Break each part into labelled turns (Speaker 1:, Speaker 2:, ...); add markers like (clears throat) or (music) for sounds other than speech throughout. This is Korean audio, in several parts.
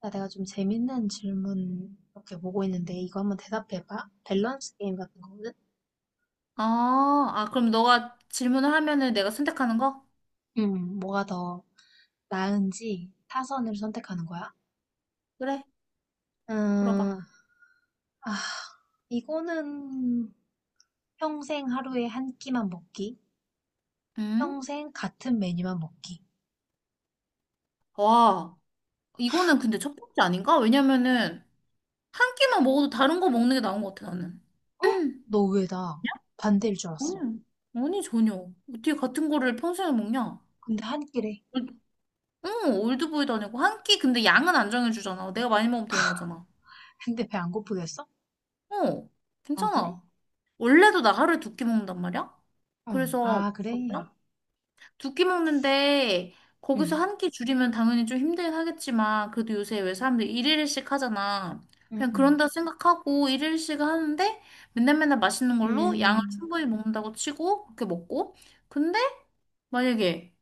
Speaker 1: 나 내가 좀 재밌는 질문 이렇게 보고 있는데 이거 한번 대답해봐. 밸런스 게임 같은 거거든?
Speaker 2: 그럼 너가 질문을 하면은 내가 선택하는 거?
Speaker 1: 뭐가 더 나은지 타선을 선택하는 거야?
Speaker 2: 그래, 물어봐.
Speaker 1: 음, 아, 이거는 평생 하루에 한 끼만 먹기,
Speaker 2: 응?
Speaker 1: 평생 같은 메뉴만 먹기.
Speaker 2: 와, 이거는 근데 첫 번째 아닌가? 왜냐면은 한 끼만 먹어도 다른 거 먹는 게 나은 것 같아, 나는. (clears throat) 음,
Speaker 1: 너 왜 나 반대일 줄
Speaker 2: 아니,
Speaker 1: 알았어?
Speaker 2: 아니, 전혀. 어떻게 같은 거를 평생을 먹냐?
Speaker 1: 근데 한 끼래.
Speaker 2: 응, 올드보이도 아니고 한 끼 근데 양은 안 정해주잖아. 내가 많이 먹으면 되는 거잖아.
Speaker 1: 근데 배 안 고프겠어?
Speaker 2: 어,
Speaker 1: 아, 그래?
Speaker 2: 괜찮아. 원래도 나 하루에 두 끼 먹는단 말이야?
Speaker 1: 응,
Speaker 2: 그래서
Speaker 1: 아, 그래.
Speaker 2: 봐봐. 두끼 먹는데 거기서
Speaker 1: 응,
Speaker 2: 한끼 줄이면 당연히 좀 힘들긴 하겠지만 그래도 요새 왜 사람들이 일일씩 하잖아.
Speaker 1: 응,
Speaker 2: 그냥
Speaker 1: 응.
Speaker 2: 그런다 생각하고 일일씩 하는데 맨날 맨날 맛있는 걸로 양을
Speaker 1: 음,
Speaker 2: 충분히 먹는다고 치고 그렇게 먹고 근데 만약에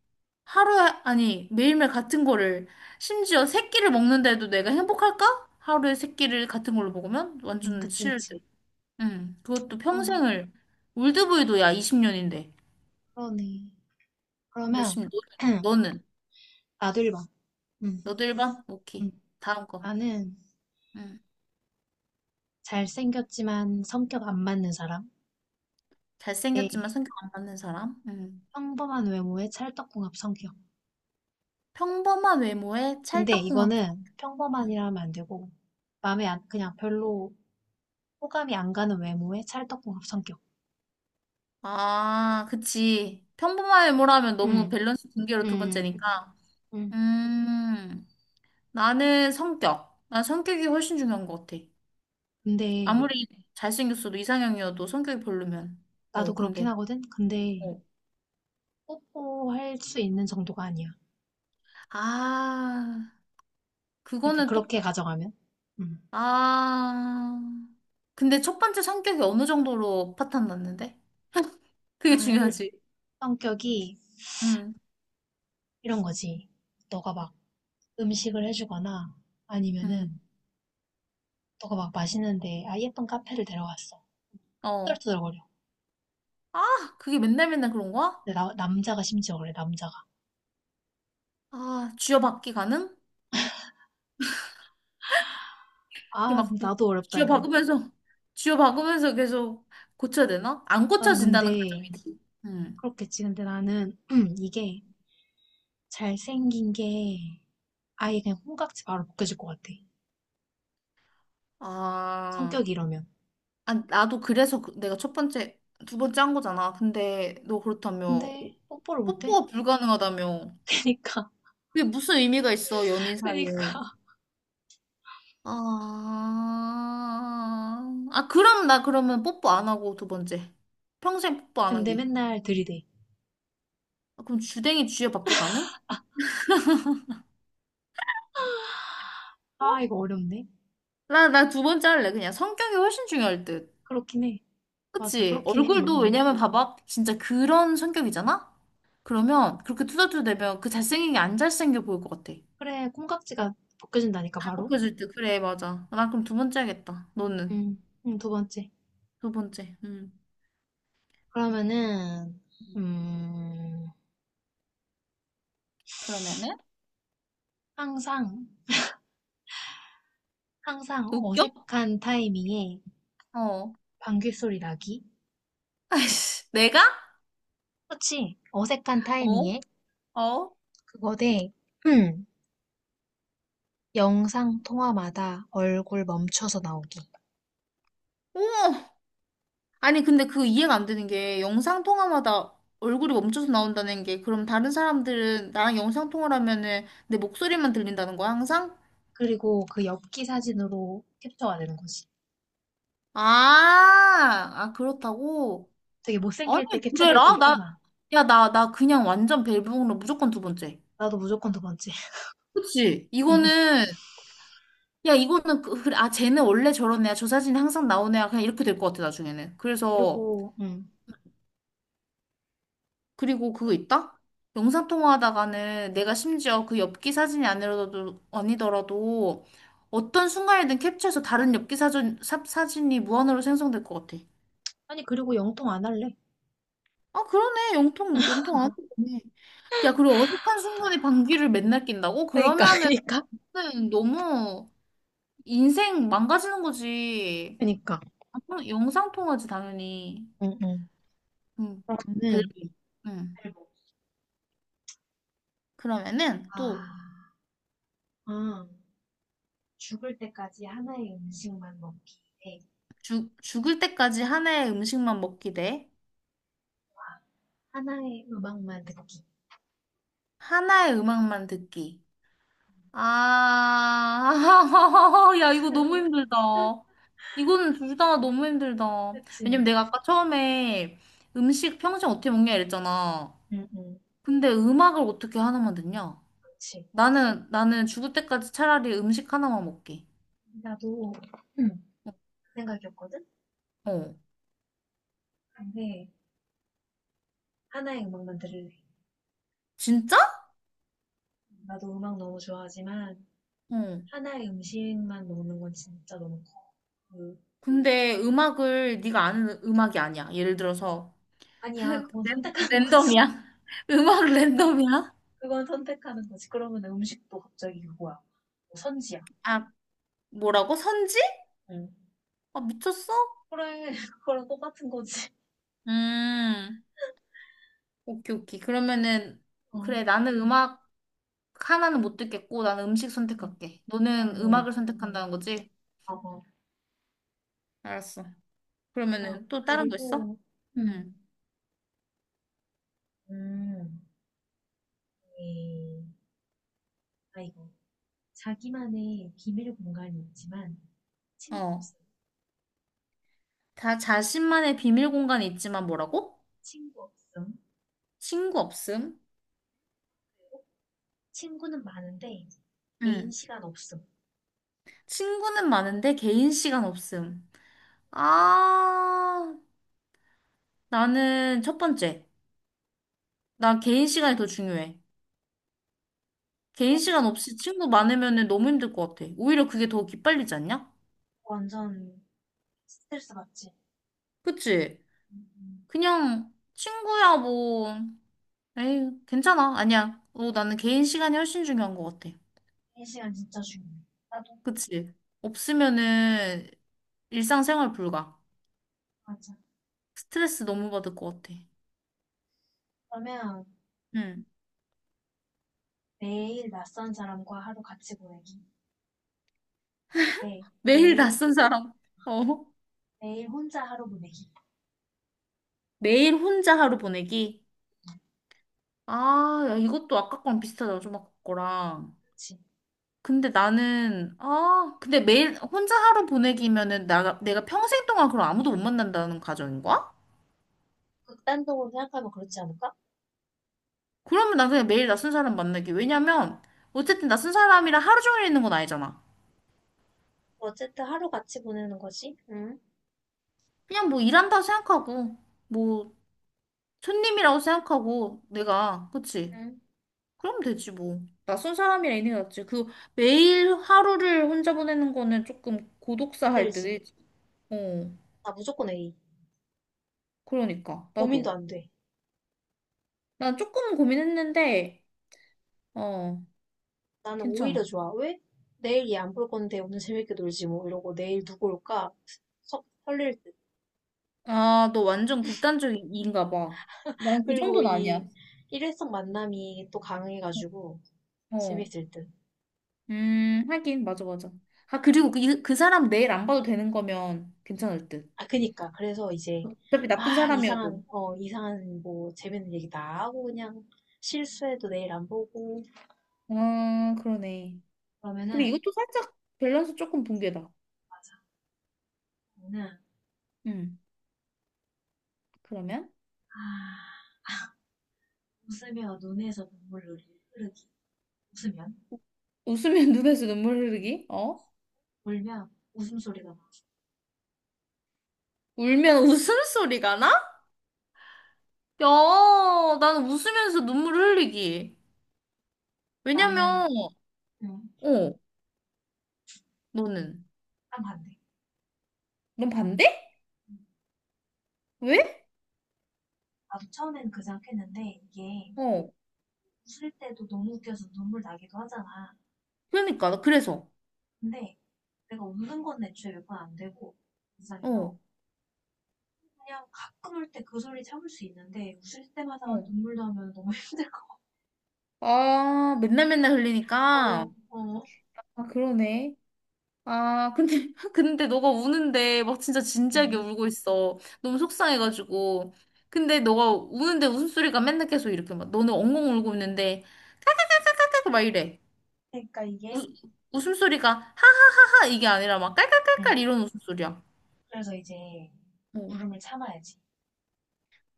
Speaker 2: 하루에 아니 매일매일 같은 거를 심지어 세 끼를 먹는데도 내가 행복할까? 하루에 세 끼를 같은 걸로 먹으면 완전
Speaker 1: 그치,
Speaker 2: 싫을
Speaker 1: 그치.
Speaker 2: 듯. 응. 그것도
Speaker 1: 그러네,
Speaker 2: 평생을 올드보이도 야 20년인데
Speaker 1: 그러네.
Speaker 2: 몇십
Speaker 1: 그러면
Speaker 2: 년. 너는? 너는?
Speaker 1: (clears throat) 나도 1번. 음,
Speaker 2: 너도 1번
Speaker 1: 음.
Speaker 2: 오케이. 다음 거.
Speaker 1: 나는
Speaker 2: 음.
Speaker 1: 잘생겼지만 성격 안 맞는 사람. 네.
Speaker 2: 잘생겼지만 성격 안 맞는 사람. 음.
Speaker 1: 평범한 외모에 찰떡궁합 성격.
Speaker 2: 평범한 외모에
Speaker 1: 근데
Speaker 2: 찰떡궁합.
Speaker 1: 이거는
Speaker 2: 음.
Speaker 1: 평범한이라 하면 안 되고 마음에 안, 그냥 별로 호감이 안 가는 외모에 찰떡궁합 성격.
Speaker 2: 아, 그치. 평범한 외모라면 너무
Speaker 1: 음,
Speaker 2: 밸런스 붕괴로 두
Speaker 1: 음,
Speaker 2: 번째니까.
Speaker 1: 음.
Speaker 2: 음, 나는 성격. 난 성격이 훨씬 중요한 것 같아.
Speaker 1: 근데
Speaker 2: 아무리 잘생겼어도 이상형이어도 성격이 별로면.
Speaker 1: 나도
Speaker 2: 어,
Speaker 1: 그렇긴
Speaker 2: 근데.
Speaker 1: 하거든. 근데
Speaker 2: 어.
Speaker 1: 뽀뽀할 수 있는 정도가 아니야.
Speaker 2: 아,
Speaker 1: 그러니까
Speaker 2: 그거는 똑,
Speaker 1: 그렇게 가져가면. 음.
Speaker 2: 아. 근데 첫 번째 성격이 어느 정도로 파탄 났는데? 그게
Speaker 1: 아,
Speaker 2: 중요하지.
Speaker 1: 성격이
Speaker 2: 응,
Speaker 1: 이런 거지. 너가 막 음식을 해주거나
Speaker 2: 응,
Speaker 1: 아니면은 너가 막 맛있는데 아 예쁜 카페를 데려갔어
Speaker 2: 어.
Speaker 1: 투덜투덜거려
Speaker 2: 아, 그게 맨날 맨날 그런 거야?
Speaker 1: 근데 남자가 심지어 그래 남자가
Speaker 2: 아, 쥐어박기 가능? 이게
Speaker 1: 아
Speaker 2: 막
Speaker 1: 나도 어렵다 이거
Speaker 2: 쥐어박으면서, 쥐어박으면서 계속 고쳐야 되나? 안
Speaker 1: 나는
Speaker 2: 고쳐진다는
Speaker 1: 근데
Speaker 2: 가정이지. 응.
Speaker 1: 그렇겠지 근데 나는 (clears throat) 이게 잘생긴 게 아예 그냥 콩깍지 바로 벗겨질 것 같아
Speaker 2: 아,
Speaker 1: 성격이 이러면
Speaker 2: 나도 그래서 내가 첫 번째, 두 번째 한 거잖아. 근데 너 그렇다며,
Speaker 1: 근데 뽀뽀를 못해
Speaker 2: 뽀뽀가 불가능하다며.
Speaker 1: (laughs) 그니까
Speaker 2: 그게 무슨 의미가 있어, 연인
Speaker 1: 그니까
Speaker 2: 사이에. 아, 아, 그럼 나 그러면 뽀뽀 안 하고 두 번째. 평생 뽀뽀 안
Speaker 1: 근데
Speaker 2: 하기.
Speaker 1: 맨날 들이대
Speaker 2: 아, 그럼 주댕이 쥐어받기 가능?
Speaker 1: 아
Speaker 2: 어?
Speaker 1: 이거 어렵네
Speaker 2: 나 두 번째 할래. 그냥 성격이 훨씬 중요할 듯.
Speaker 1: 그렇긴 해 맞아
Speaker 2: 그치?
Speaker 1: 그렇긴 해 응,
Speaker 2: 얼굴도
Speaker 1: 응.
Speaker 2: 왜냐면 봐봐. 진짜 그런 성격이잖아? 그러면 그렇게 투덜투덜대면 그 잘생긴 게 안 잘생겨 보일 것 같아.
Speaker 1: 그래 콩깍지가 벗겨진다니까
Speaker 2: 다
Speaker 1: 바로
Speaker 2: 벗겨질 듯. 그래, 맞아. 나 그럼 두 번째 하겠다. 너는?
Speaker 1: 두 번째.
Speaker 2: 두 번째. 음.
Speaker 1: 그러면은, 음,
Speaker 2: 그러면은?
Speaker 1: 항상, 항상
Speaker 2: 웃겨?
Speaker 1: 어색한 타이밍에
Speaker 2: 어.
Speaker 1: 방귀소리 나기?
Speaker 2: 아이씨. 내가?
Speaker 1: 그렇지. 어색한
Speaker 2: 어?
Speaker 1: 타이밍에
Speaker 2: 어?
Speaker 1: 그거 대, 음, 영상 통화마다 얼굴 멈춰서 나오기.
Speaker 2: 오! 아니, 근데 그 이해가 안 되는 게 영상 통화마다 얼굴이 멈춰서 나온다는 게 그럼 다른 사람들은 나랑 영상 통화를 하면은 내 목소리만 들린다는 거야, 항상?
Speaker 1: 그리고 그 엽기 사진으로 캡처가 되는 거지.
Speaker 2: 아, 그렇다고?
Speaker 1: 되게
Speaker 2: 아니,
Speaker 1: 못생길 때
Speaker 2: 그래,
Speaker 1: 캡처될 때
Speaker 2: 라
Speaker 1: 있잖아.
Speaker 2: 나, 야, 나 그냥 완전 벨브롱로 무조건 두 번째.
Speaker 1: 나도 무조건 두 번째. (laughs)
Speaker 2: 그치?
Speaker 1: 음.
Speaker 2: 이거는, 야, 이거는, 그, 그래, 아, 쟤는 원래 저런 애야. 저 사진이 항상 나오는 애야. 그냥 이렇게 될 것 같아, 나중에는. 그래서,
Speaker 1: 그리고,
Speaker 2: 그리고 그거 있다? 영상통화하다가는 내가 심지어 그 엽기 사진이 아니더라도, 아니더라도 어떤 순간에든 캡처해서 다른 엽기 사진, 사진이 무한으로 생성될 것 같아.
Speaker 1: 아니, 그리고 영통 안 할래.
Speaker 2: 아, 그러네. 영통 안 되네. 야, 그리고 어색한 순간에 방귀를 맨날 낀다고?
Speaker 1: 그니까, (laughs)
Speaker 2: 그러면은
Speaker 1: 그니까.
Speaker 2: 너무 인생 망가지는 거지.
Speaker 1: 그니까.
Speaker 2: 아, 영상통화지, 당연히.
Speaker 1: 응, 응.
Speaker 2: 응, 별로.
Speaker 1: 그러면은,
Speaker 2: 응. 그러면은
Speaker 1: 아,
Speaker 2: 또
Speaker 1: 음, 죽을 때까지 하나의 음식만 먹기 대와
Speaker 2: 죽을 때까지 한 해의 음식만 먹기 대
Speaker 1: 하나의 음악만 듣기.
Speaker 2: 하나의 음악만 듣기. 아, (laughs) 야, 이거 너무 힘들다.
Speaker 1: (laughs)
Speaker 2: 이거는 둘 다 너무 힘들다. 왜냐면
Speaker 1: 그치.
Speaker 2: 내가 아까 처음에 음식 평생 어떻게 먹냐 이랬잖아.
Speaker 1: 응, 응,
Speaker 2: 근데 음악을 어떻게 하나만 듣냐?
Speaker 1: 그치.
Speaker 2: 나는 죽을 때까지 차라리 음식 하나만 먹게.
Speaker 1: 나도 응. 그 생각이었거든?
Speaker 2: 어.
Speaker 1: 근데 하나의 음악만 들을래.
Speaker 2: 진짜?
Speaker 1: 나도 음악 너무 좋아하지만
Speaker 2: 어.
Speaker 1: 하나의 음식만 먹는 건 진짜 너무 커. 그,
Speaker 2: 근데 음악을 네가 아는 음악이 아니야. 예를 들어서
Speaker 1: 아니야, 그건 선택하는 거지.
Speaker 2: 랜덤이야.
Speaker 1: (laughs)
Speaker 2: (laughs) 음악 랜덤이야?
Speaker 1: 그건 선택하는 거지. 그러면 음식도 갑자기 그거야. 뭐 선지야.
Speaker 2: 아, 뭐라고? 선지?
Speaker 1: 응.
Speaker 2: 아, 미쳤어?
Speaker 1: 그래, (laughs) 그거랑 똑같은 거지.
Speaker 2: 음, 오케이, 오케이. 그러면은,
Speaker 1: 어.
Speaker 2: 그래, 나는 음악 하나는 못 듣겠고, 나는 음식
Speaker 1: 음.
Speaker 2: 선택할게.
Speaker 1: 밤에
Speaker 2: 너는
Speaker 1: 막
Speaker 2: 음악을
Speaker 1: 음.
Speaker 2: 선택한다는 거지?
Speaker 1: 봐봐.
Speaker 2: 알았어. 그러면은 또 다른 거 있어?
Speaker 1: 그리고
Speaker 2: 응.
Speaker 1: 음. 음. 이 아이고 자기만의 비밀 공간이 있지만 친구
Speaker 2: 어.
Speaker 1: 없음.
Speaker 2: 다 자신만의 비밀 공간이 있지만 뭐라고?
Speaker 1: 친구 없음.
Speaker 2: 친구 없음?
Speaker 1: 친구는 많은데 개인
Speaker 2: 응.
Speaker 1: 시간 없음.
Speaker 2: 친구는 많은데 개인 시간 없음. 아, 나는 첫 번째. 나 개인 시간이 더 중요해. 개인
Speaker 1: 나도
Speaker 2: 시간
Speaker 1: 첫
Speaker 2: 없이 친구 많으면은 너무 힘들 것 같아. 오히려 그게 더 기빨리지 않냐?
Speaker 1: 완전 스트레스 받지.
Speaker 2: 그치?
Speaker 1: 음.
Speaker 2: 그냥 친구야 뭐 에이 괜찮아 아니야 어, 나는 개인 시간이 훨씬 중요한 것 같아.
Speaker 1: 인 시간 진짜 중요해. 나도
Speaker 2: 그치 없으면은 일상생활 불가.
Speaker 1: 맞아.
Speaker 2: 스트레스 너무 받을 것 같아.
Speaker 1: 그러면
Speaker 2: 응.
Speaker 1: 매일 낯선 사람과 하루 같이 보내기. 네,
Speaker 2: 매일
Speaker 1: 매일
Speaker 2: 낯선 사람 (laughs) 어.
Speaker 1: 매일 혼자 하루 보내기.
Speaker 2: 매일 혼자 하루 보내기. 아 야, 이것도 아까 거랑 비슷하다 좀 아까 거랑.
Speaker 1: 그렇지.
Speaker 2: 근데 나는 아 근데 매일 혼자 하루 보내기면은 나 내가 평생 동안 그럼 아무도 못 만난다는 가정인 거야?
Speaker 1: 극단적으로 생각하면 그렇지 않을까?
Speaker 2: 그러면 난 그냥 매일 낯선 사람 만나기. 왜냐면, 어쨌든 낯선 사람이랑 하루 종일 있는 건 아니잖아.
Speaker 1: 어쨌든 하루 같이 보내는 거지. 응?
Speaker 2: 그냥 뭐 일한다고 생각하고, 뭐 손님이라고 생각하고, 내가, 그치?
Speaker 1: 응?
Speaker 2: 그럼 되지 뭐. 낯선 사람이랑 있는 게 낫지. 그 매일 하루를 혼자 보내는 거는 조금 고독사 할 때도
Speaker 1: 힘들지.
Speaker 2: 있지. 어,
Speaker 1: 나 무조건 A.
Speaker 2: 그러니까.
Speaker 1: 고민도
Speaker 2: 나도.
Speaker 1: 안 돼.
Speaker 2: 난 조금 고민했는데, 어,
Speaker 1: 나는
Speaker 2: 괜찮아.
Speaker 1: 오히려 좋아. 왜? 내일 얘 안 볼 건데 오늘 재밌게 놀지 뭐 이러고 내일 누구 올까? 설릴 듯.
Speaker 2: 아, 너 완전 극단적인가 봐. 난 그
Speaker 1: 그리고
Speaker 2: 정도는
Speaker 1: 이
Speaker 2: 아니야.
Speaker 1: 일회성 만남이 또 강해가지고
Speaker 2: 어.
Speaker 1: 재밌을 듯.
Speaker 2: 하긴, 맞아, 맞아. 아, 그리고 그, 그 사람 내일 안 봐도 되는 거면 괜찮을 듯.
Speaker 1: 아, 그니까. 그래서 이제
Speaker 2: 어차피 나쁜
Speaker 1: 막 이상한,
Speaker 2: 사람이어도.
Speaker 1: 어, 이상한 뭐 재밌는 얘기 다 하고 그냥 실수해도 내일 안 보고
Speaker 2: 아, 그러네. 근데
Speaker 1: 그러면은
Speaker 2: 이것도 살짝 밸런스 조금 붕괴다.
Speaker 1: 맞아. 나는
Speaker 2: 음, 그러면?
Speaker 1: 아, 웃으며 눈에서 눈물이 흐르기. 웃으면,
Speaker 2: 웃으면 (laughs) 눈에서 눈물 흐르기? 어?
Speaker 1: 울면 웃음소리가 나와.
Speaker 2: 울면 웃음소리가 나? 야, 나는 웃으면서 눈물 흘리기.
Speaker 1: 나는
Speaker 2: 왜냐면,
Speaker 1: 음,
Speaker 2: 어, 너는.
Speaker 1: 딱 반대.
Speaker 2: 넌 반대?
Speaker 1: 응.
Speaker 2: 왜?
Speaker 1: 나도 처음엔 그 생각했는데 이게
Speaker 2: 어,
Speaker 1: 웃을 때도 너무 웃겨서 눈물 나기도 하잖아.
Speaker 2: 그러니까, 나 그래서.
Speaker 1: 근데 내가 웃는 건 애초에 몇 번 안 되고
Speaker 2: 어,
Speaker 1: 이상해서 그냥 가끔 울 때 그 소리 참을 수 있는데 웃을 때마다
Speaker 2: 어.
Speaker 1: 눈물 나면 너무 (laughs) 힘들 것 같아.
Speaker 2: 아, 맨날 맨날 흘리니까.
Speaker 1: 어, 어,
Speaker 2: 아, 그러네. 아, 근데, (laughs) 근데 너가 우는데 막 진짜 진지하게
Speaker 1: 응.
Speaker 2: 울고 있어. 너무 속상해가지고. 근데 너가 우는데 웃음소리가 맨날 계속 이렇게 막, 너는 엉엉 울고 있는데, 깔깔깔깔깔깔 막 이래.
Speaker 1: 그러니까
Speaker 2: 우,
Speaker 1: 이게
Speaker 2: 웃음소리가 하하하하 이게 아니라 막
Speaker 1: 응.
Speaker 2: 깔깔깔깔 이런 웃음소리야.
Speaker 1: 그래서 이제
Speaker 2: 어.
Speaker 1: 울음을 참아야지.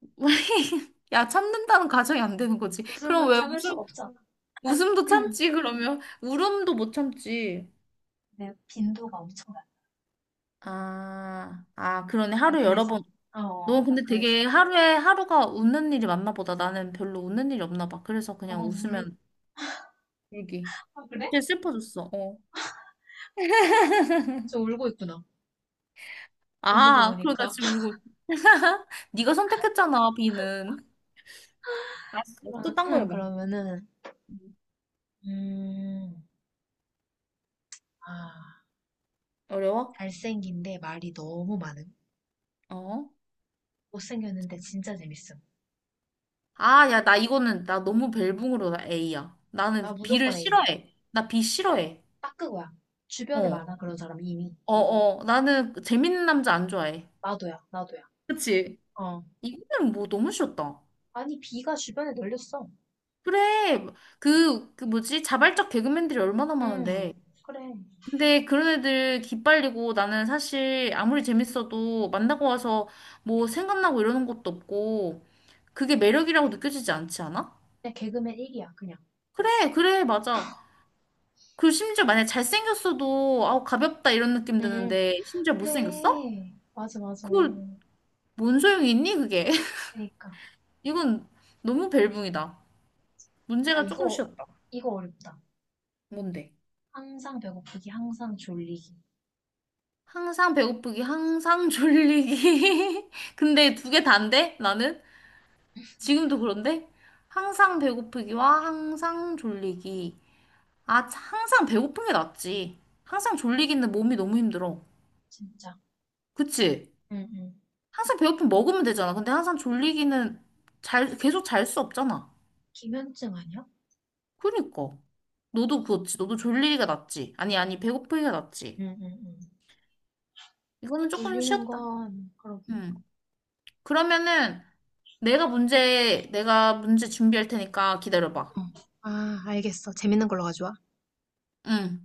Speaker 2: (laughs) 야, 참는다는 가정이 안 되는 거지. 그럼
Speaker 1: 웃음은
Speaker 2: 왜
Speaker 1: 참을
Speaker 2: 웃음,
Speaker 1: 수가 없잖아. (clears throat)
Speaker 2: 웃음도
Speaker 1: (laughs)
Speaker 2: 참지, 그러면. 울음도 못 참지.
Speaker 1: 내 빈도가 엄청나.
Speaker 2: 그러네.
Speaker 1: 난
Speaker 2: 하루 여러 번.
Speaker 1: 그래서.
Speaker 2: 너
Speaker 1: 어, 난
Speaker 2: 근데
Speaker 1: 그래서.
Speaker 2: 되게 하루에 하루가 웃는 일이 많나 보다. 나는 별로 웃는 일이 없나 봐. 그래서
Speaker 1: 어,
Speaker 2: 그냥
Speaker 1: 울,
Speaker 2: 웃으면 울기.
Speaker 1: 아, 그래?
Speaker 2: 갑자기 슬퍼졌어. 어.
Speaker 1: 저 울고 있구나. 웃는 거
Speaker 2: 아, 그러다
Speaker 1: 보니까.
Speaker 2: 지금 울고. (laughs) 네가 선택했잖아, B는. 알았어. 또딴 거
Speaker 1: (laughs)
Speaker 2: 해봐.
Speaker 1: 그러면은
Speaker 2: 음.
Speaker 1: 음, 아,
Speaker 2: 어려워?
Speaker 1: 잘생긴데 말이 너무 많음.
Speaker 2: 어.
Speaker 1: 못생겼는데 진짜 재밌음.
Speaker 2: 아, 야, 나 이거는, 나 너무 벨붕으로 나 A야.
Speaker 1: 나
Speaker 2: 나는 B를
Speaker 1: 무조건 A.
Speaker 2: 싫어해. 나 B 싫어해.
Speaker 1: 딱 그거야. 주변에
Speaker 2: 어.
Speaker 1: 많아 그런 사람 이미.
Speaker 2: 어, 어. 나는 재밌는 남자 안 좋아해.
Speaker 1: 나도야, 나도야.
Speaker 2: 그치?
Speaker 1: 어.
Speaker 2: 이거는 뭐 너무 쉬웠다.
Speaker 1: 아니 B가 주변에 널렸어.
Speaker 2: 그래. 그, 그 뭐지? 자발적 개그맨들이 얼마나
Speaker 1: 음,
Speaker 2: 많은데.
Speaker 1: 그래.
Speaker 2: 근데 그런 애들 기빨리고 나는 사실 아무리 재밌어도 만나고 와서 뭐 생각나고 이러는 것도 없고 그게 매력이라고 느껴지지 않지 않아?
Speaker 1: 그냥 개그맨 1이야 그냥.
Speaker 2: 그래, 그래, 맞아. 그 심지어 만약에 잘생겼어도 아우 가볍다 이런 느낌
Speaker 1: 음.
Speaker 2: 드는데 심지어 못생겼어?
Speaker 1: 그래. 맞아, 맞아.
Speaker 2: 그걸 뭔 소용이 있니 그게? (laughs)
Speaker 1: 그러니까.
Speaker 2: 이건 너무 벨붕이다.
Speaker 1: 아
Speaker 2: 문제가 조금
Speaker 1: 이거
Speaker 2: 쉬웠다.
Speaker 1: 이거 어렵다.
Speaker 2: 뭔데?
Speaker 1: 항상 배고프기, 항상 졸리기.
Speaker 2: 항상 배고프기, 항상 졸리기. (laughs) 근데 두 개 다인데? 나는? 지금도 그런데? 항상 배고프기와 항상 졸리기. 아, 항상 배고픈 게 낫지. 항상 졸리기는 몸이 너무 힘들어.
Speaker 1: 진짜.
Speaker 2: 그치?
Speaker 1: 응, 응.
Speaker 2: 항상 배고프면 먹으면 되잖아. 근데 항상 졸리기는 잘, 계속 잘 수 없잖아.
Speaker 1: 기면증 아니야?
Speaker 2: 그니까. 너도 그렇지. 너도 졸리기가 낫지. 아니, 아니, 배고프기가 낫지.
Speaker 1: 응, 응, 응.
Speaker 2: 이거는 조금
Speaker 1: 졸리는
Speaker 2: 쉬었다.
Speaker 1: 건 그러게.
Speaker 2: 음. 그러면은, 내가 문제 준비할 테니까 기다려봐.
Speaker 1: 어. 아, 알겠어. 재밌는 걸로 가져와.
Speaker 2: 응.